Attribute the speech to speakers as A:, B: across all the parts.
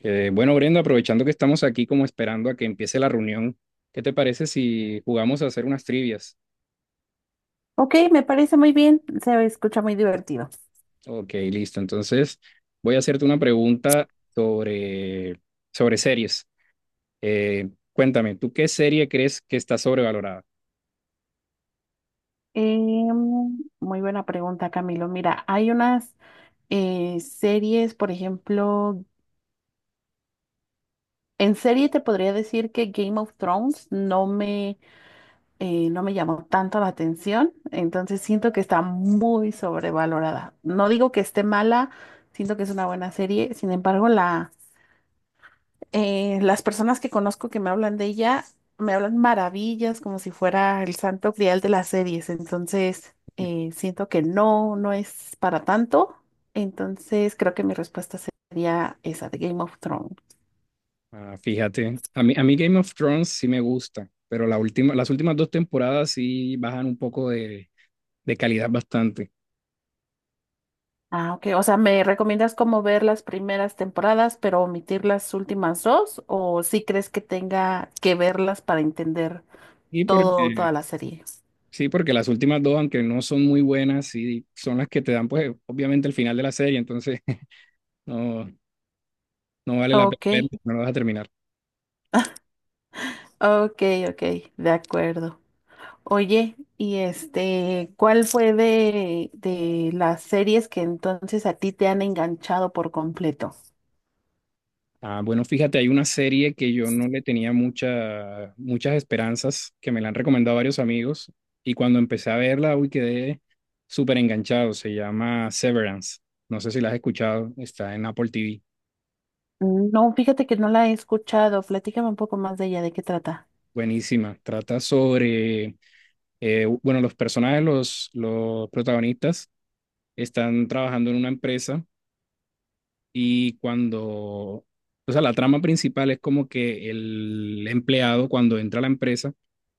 A: Bueno, Brenda, aprovechando que estamos aquí como esperando a que empiece la reunión, ¿qué te parece si jugamos a hacer unas trivias?
B: Ok, me parece muy bien, se escucha muy divertido.
A: Ok, listo. Entonces, voy a hacerte una pregunta sobre, sobre series. Cuéntame, ¿tú qué serie crees que está sobrevalorada?
B: Muy buena pregunta, Camilo. Mira, hay unas series, por ejemplo, en serie te podría decir que Game of Thrones no no me llamó tanto la atención, entonces siento que está muy sobrevalorada. No digo que esté mala, siento que es una buena serie, sin embargo, las personas que conozco que me hablan de ella me hablan maravillas como si fuera el santo grial de las series. Entonces, siento que no es para tanto. Entonces, creo que mi respuesta sería esa de Game of Thrones.
A: Ah, fíjate, a mí Game of Thrones sí me gusta, pero la última, las últimas dos temporadas sí bajan un poco de calidad bastante.
B: Ah, ok. O sea, ¿me recomiendas cómo ver las primeras temporadas, pero omitir las últimas dos? ¿O si crees que tenga que verlas para entender
A: Y porque
B: toda la serie?
A: Sí, porque las últimas dos, aunque no son muy buenas, sí son las que te dan, pues, obviamente el final de la serie, entonces no, no vale la pena
B: Ok,
A: verla, no lo vas a terminar.
B: ok, ok, de acuerdo. Oye, y este, ¿cuál fue de las series que entonces a ti te han enganchado por completo?
A: Ah, bueno, fíjate, hay una serie que yo no le tenía muchas esperanzas, que me la han recomendado varios amigos, y cuando empecé a verla, uy, quedé súper enganchado. Se llama Severance. No sé si la has escuchado, está en Apple TV.
B: No, fíjate que no la he escuchado. Platícame un poco más de ella, ¿de qué trata?
A: Buenísima. Trata sobre, bueno, los personajes, los protagonistas están trabajando en una empresa. O sea, la trama principal es como que el empleado cuando entra a la empresa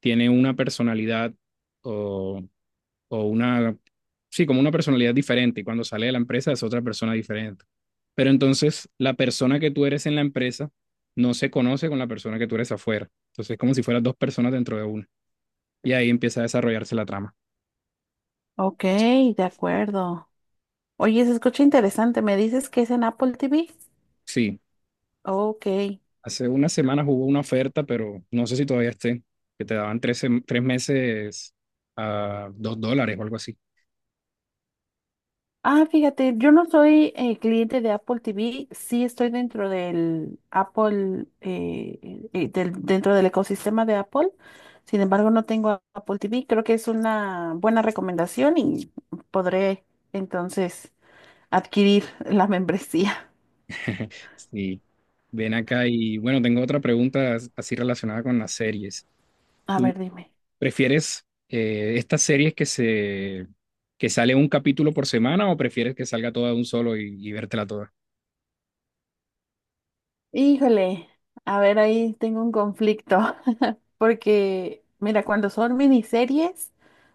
A: tiene una personalidad o, o una, sí, como una personalidad diferente y cuando sale de la empresa es otra persona diferente. Pero entonces la persona que tú eres en la empresa no se conoce con la persona que tú eres afuera. Entonces es como si fueras dos personas dentro de una. Y ahí empieza a desarrollarse la trama.
B: Ok, de acuerdo. Oye, se escucha interesante. ¿Me dices que es en Apple TV?
A: Sí.
B: Ok.
A: Hace una semana hubo una oferta, pero no sé si todavía esté, que te daban tres meses a dos dólares o algo así.
B: Ah, fíjate, yo no soy cliente de Apple TV, sí estoy dentro del Apple, dentro del ecosistema de Apple. Sin embargo, no tengo Apple TV. Creo que es una buena recomendación y podré entonces adquirir la membresía.
A: Sí. Ven acá y bueno, tengo otra pregunta así relacionada con las series.
B: A
A: ¿Tú
B: ver, dime.
A: prefieres estas series que sale un capítulo por semana o prefieres que salga toda de un solo y vértela toda?
B: Híjole, a ver, ahí tengo un conflicto, porque mira, cuando son miniseries,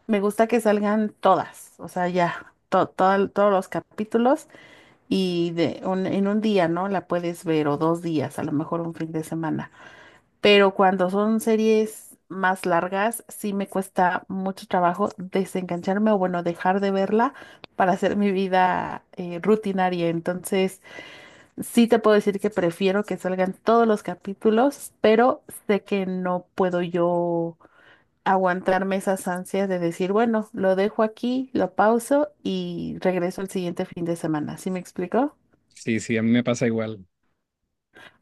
B: me gusta que salgan todas, o sea, ya, todos los capítulos, y de en un día, ¿no? La puedes ver o dos días, a lo mejor un fin de semana. Pero cuando son series más largas, sí me cuesta mucho trabajo desengancharme o bueno, dejar de verla para hacer mi vida rutinaria. Entonces, sí te puedo decir que prefiero que salgan todos los capítulos, pero sé que no puedo yo aguantarme esas ansias de decir, bueno, lo dejo aquí, lo pauso y regreso el siguiente fin de semana. ¿Sí me explico?
A: Sí, sí, a mí me pasa igual.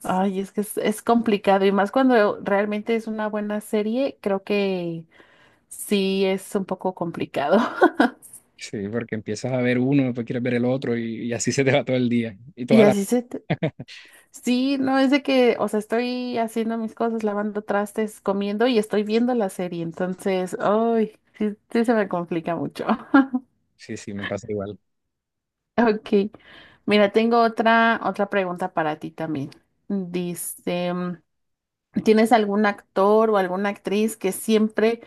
B: Ay, es que es complicado y más cuando realmente es una buena serie, creo que sí es un poco complicado.
A: Sí, porque empiezas a ver uno, después quieres ver el otro y así se te va todo el día y
B: Y
A: toda la...
B: así se... Sí, no es de que, o sea, estoy haciendo mis cosas, lavando trastes, comiendo y estoy viendo la serie, entonces, ay, sí, sí se me complica mucho.
A: Sí, sí, me pasa igual.
B: Ok, mira, tengo otra pregunta para ti también. Dice, ¿tienes algún actor o alguna actriz que siempre?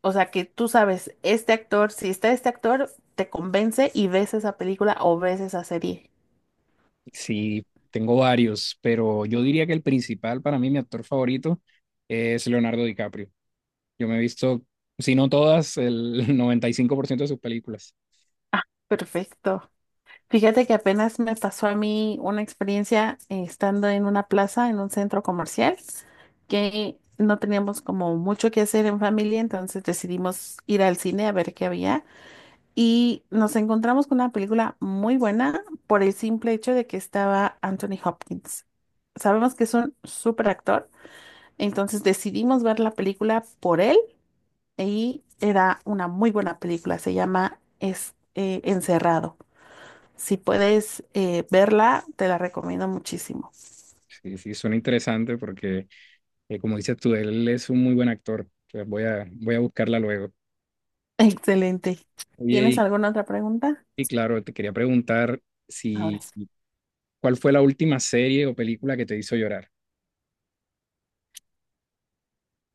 B: O sea, que tú sabes, este actor, si está este actor, te convence y ves esa película o ves esa serie.
A: Sí, tengo varios, pero yo diría que el principal para mí, mi actor favorito, es Leonardo DiCaprio. Yo me he visto, si no todas, el 95% de sus películas.
B: Ah, perfecto. Fíjate que apenas me pasó a mí una experiencia estando en una plaza, en un centro comercial, que no teníamos como mucho que hacer en familia, entonces decidimos ir al cine a ver qué había y nos encontramos con una película muy buena por el simple hecho de que estaba Anthony Hopkins. Sabemos que es un súper actor. Entonces decidimos ver la película por él y era una muy buena película. Se llama Encerrado. Si puedes verla, te la recomiendo muchísimo.
A: Sí, sí, suena interesante porque, como dices tú, él es un muy buen actor. Entonces, voy a buscarla luego.
B: Excelente.
A: Oye,
B: ¿Tienes
A: y,
B: alguna otra pregunta?
A: y claro, te quería preguntar
B: Ahora
A: si,
B: sí.
A: ¿cuál fue la última serie o película que te hizo llorar?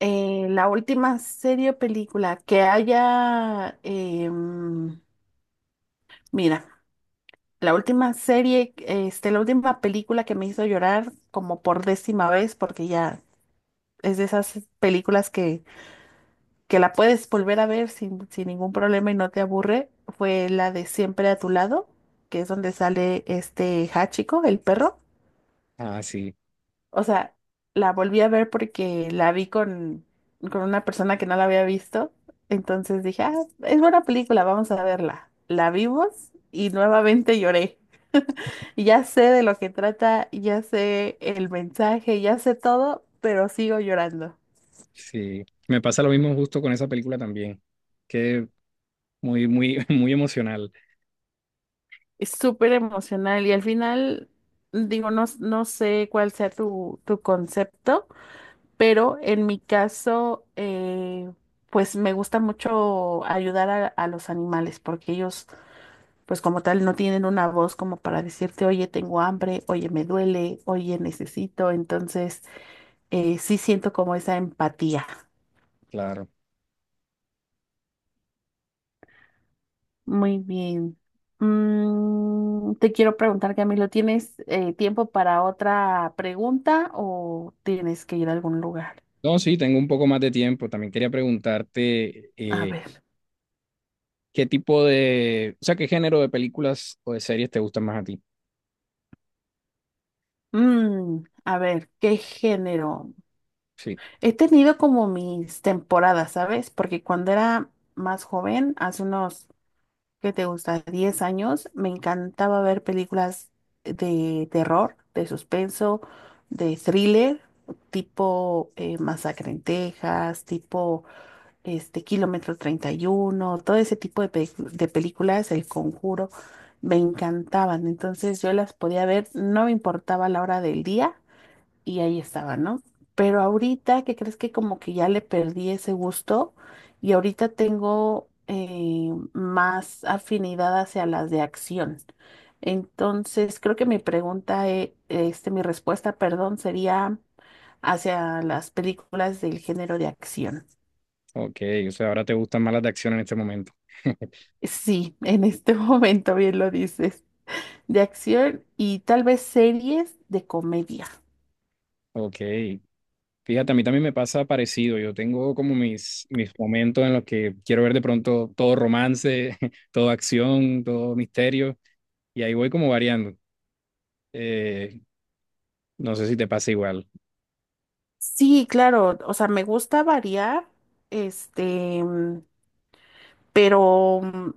B: La última serie o película que haya, mira, la última película que me hizo llorar como por décima vez, porque ya es de esas películas que la puedes volver a ver sin ningún problema y no te aburre, fue la de Siempre a tu lado, que es donde sale este Hachiko, el perro.
A: Ah, sí,
B: O sea, la volví a ver porque la vi con una persona que no la había visto. Entonces dije, ah, es buena película, vamos a verla. La vimos y nuevamente lloré. Y ya sé de lo que trata, ya sé el mensaje, ya sé todo, pero sigo llorando.
A: sí. Me pasa lo mismo justo con esa película también, que muy emocional.
B: Es súper emocional y al final, digo, no, no sé cuál sea tu concepto, pero en mi caso, pues me gusta mucho ayudar a los animales porque ellos, pues como tal, no tienen una voz como para decirte, oye, tengo hambre, oye, me duele, oye, necesito. Entonces, sí siento como esa empatía.
A: Claro.
B: Muy bien. Te quiero preguntar, Camilo, ¿tienes tiempo para otra pregunta o tienes que ir a algún lugar?
A: No, sí, tengo un poco más de tiempo. También quería preguntarte
B: A ver.
A: qué tipo de, o sea, qué género de películas o de series te gustan más a ti.
B: A ver, ¿qué género?
A: Sí,
B: He tenido como mis temporadas, ¿sabes? Porque cuando era más joven, hace unos, ¿qué te gusta? 10 años, me encantaba ver películas de terror, de suspenso, de thriller, tipo Masacre en Texas, tipo... este, Kilómetro treinta y uno, todo ese tipo de, de películas, El Conjuro, me encantaban. Entonces yo las podía ver, no me importaba la hora del día y ahí estaba, ¿no? Pero ahorita, ¿qué crees que como que ya le perdí ese gusto? Y ahorita tengo más afinidad hacia las de acción. Entonces, creo que mi pregunta, mi respuesta, perdón, sería hacia las películas del género de acción.
A: ok, o sea, ahora te gustan más las de acción en este momento.
B: Sí, en este momento bien lo dices, de acción y tal vez series de comedia.
A: Ok, fíjate, a mí también me pasa parecido. Yo tengo como mis momentos en los que quiero ver de pronto todo romance, todo acción, todo misterio, y ahí voy como variando. Eh, no sé si te pasa igual.
B: Sí, claro, o sea, me gusta variar, este, mm, pero mm,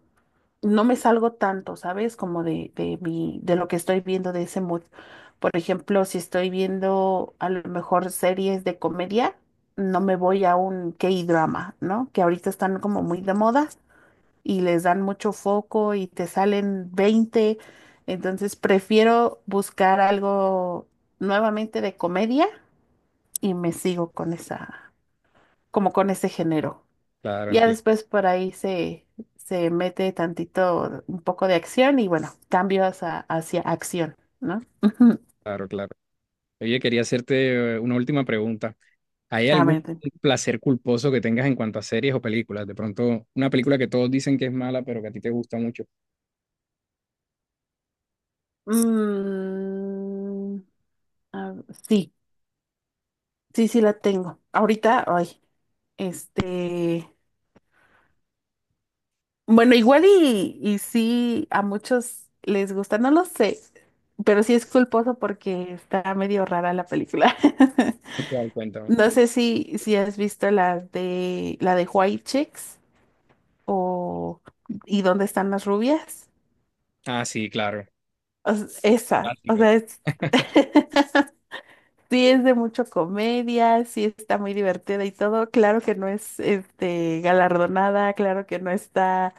B: no me salgo tanto, ¿sabes? Como de mi, de lo que estoy viendo de ese mood. Por ejemplo, si estoy viendo a lo mejor series de comedia, no me voy a un K-drama, ¿no? Que ahorita están como muy de moda, y les dan mucho foco y te salen veinte. Entonces prefiero buscar algo nuevamente de comedia y me sigo con esa, como con ese género.
A: Claro,
B: Ya
A: entiendo.
B: después por ahí se mete tantito, un poco de acción y bueno, cambios hacia acción, ¿no?
A: Claro, claro. Oye, quería hacerte una última pregunta. ¿Hay
B: A
A: algún
B: ver.
A: placer culposo que tengas en cuanto a series o películas? De pronto, una película que todos dicen que es mala, pero que a ti te gusta mucho.
B: Mm, a- sí, sí, sí la tengo. Ahorita, ay, este. Bueno, igual y sí, a muchos les gusta, no lo sé, pero sí es culposo porque está medio rara la película.
A: ¿Cuál? Cuéntame.
B: No sé si has visto la de White Chicks o ¿Y dónde están las rubias?
A: Ah, sí, claro.
B: Esa, o
A: Clásico.
B: sea, es, sí es de mucho comedia, sí está muy divertida y todo. Claro que no es este galardonada, claro que no está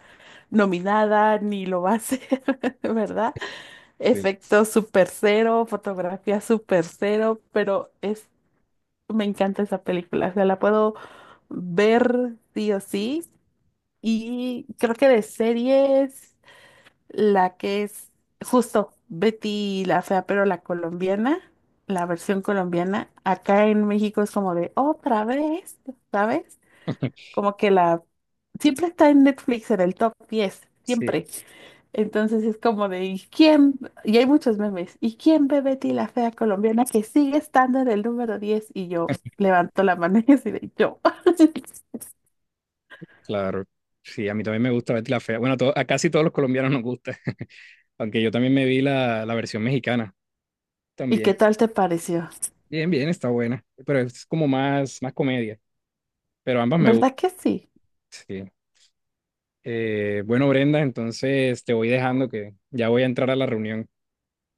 B: nominada ni lo va a ser, ¿verdad?
A: Sí,
B: Efectos super cero, fotografía super cero, pero es, me encanta esa película, o sea, la puedo ver sí o sí. Y creo que de series, la que es justo Betty la Fea, pero la colombiana, la versión colombiana, acá en México es como de otra vez, ¿sabes? Como que la, siempre está en Netflix en el top 10
A: sí,
B: siempre. Entonces es como de, ¿y quién? Y hay muchos memes. ¿Y quién ve Betty la fea colombiana que sigue estando en el número 10? Y yo levanto la mano y así de yo.
A: claro. Sí, a mí también me gusta Betty la Fea. Bueno, a casi todos los colombianos nos gusta, aunque yo también me vi la versión mexicana
B: ¿Y
A: también.
B: qué tal te pareció?
A: Bien, bien, está buena, pero es como más comedia, pero ambas me gustan.
B: ¿Verdad que sí?
A: Sí. Bueno, Brenda, entonces te voy dejando que ya voy a entrar a la reunión,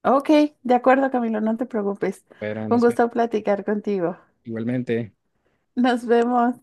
B: Ok, de acuerdo, Camilo, no te preocupes.
A: pero
B: Fue un
A: nos
B: gusto
A: vemos
B: platicar contigo.
A: igualmente.
B: Nos vemos.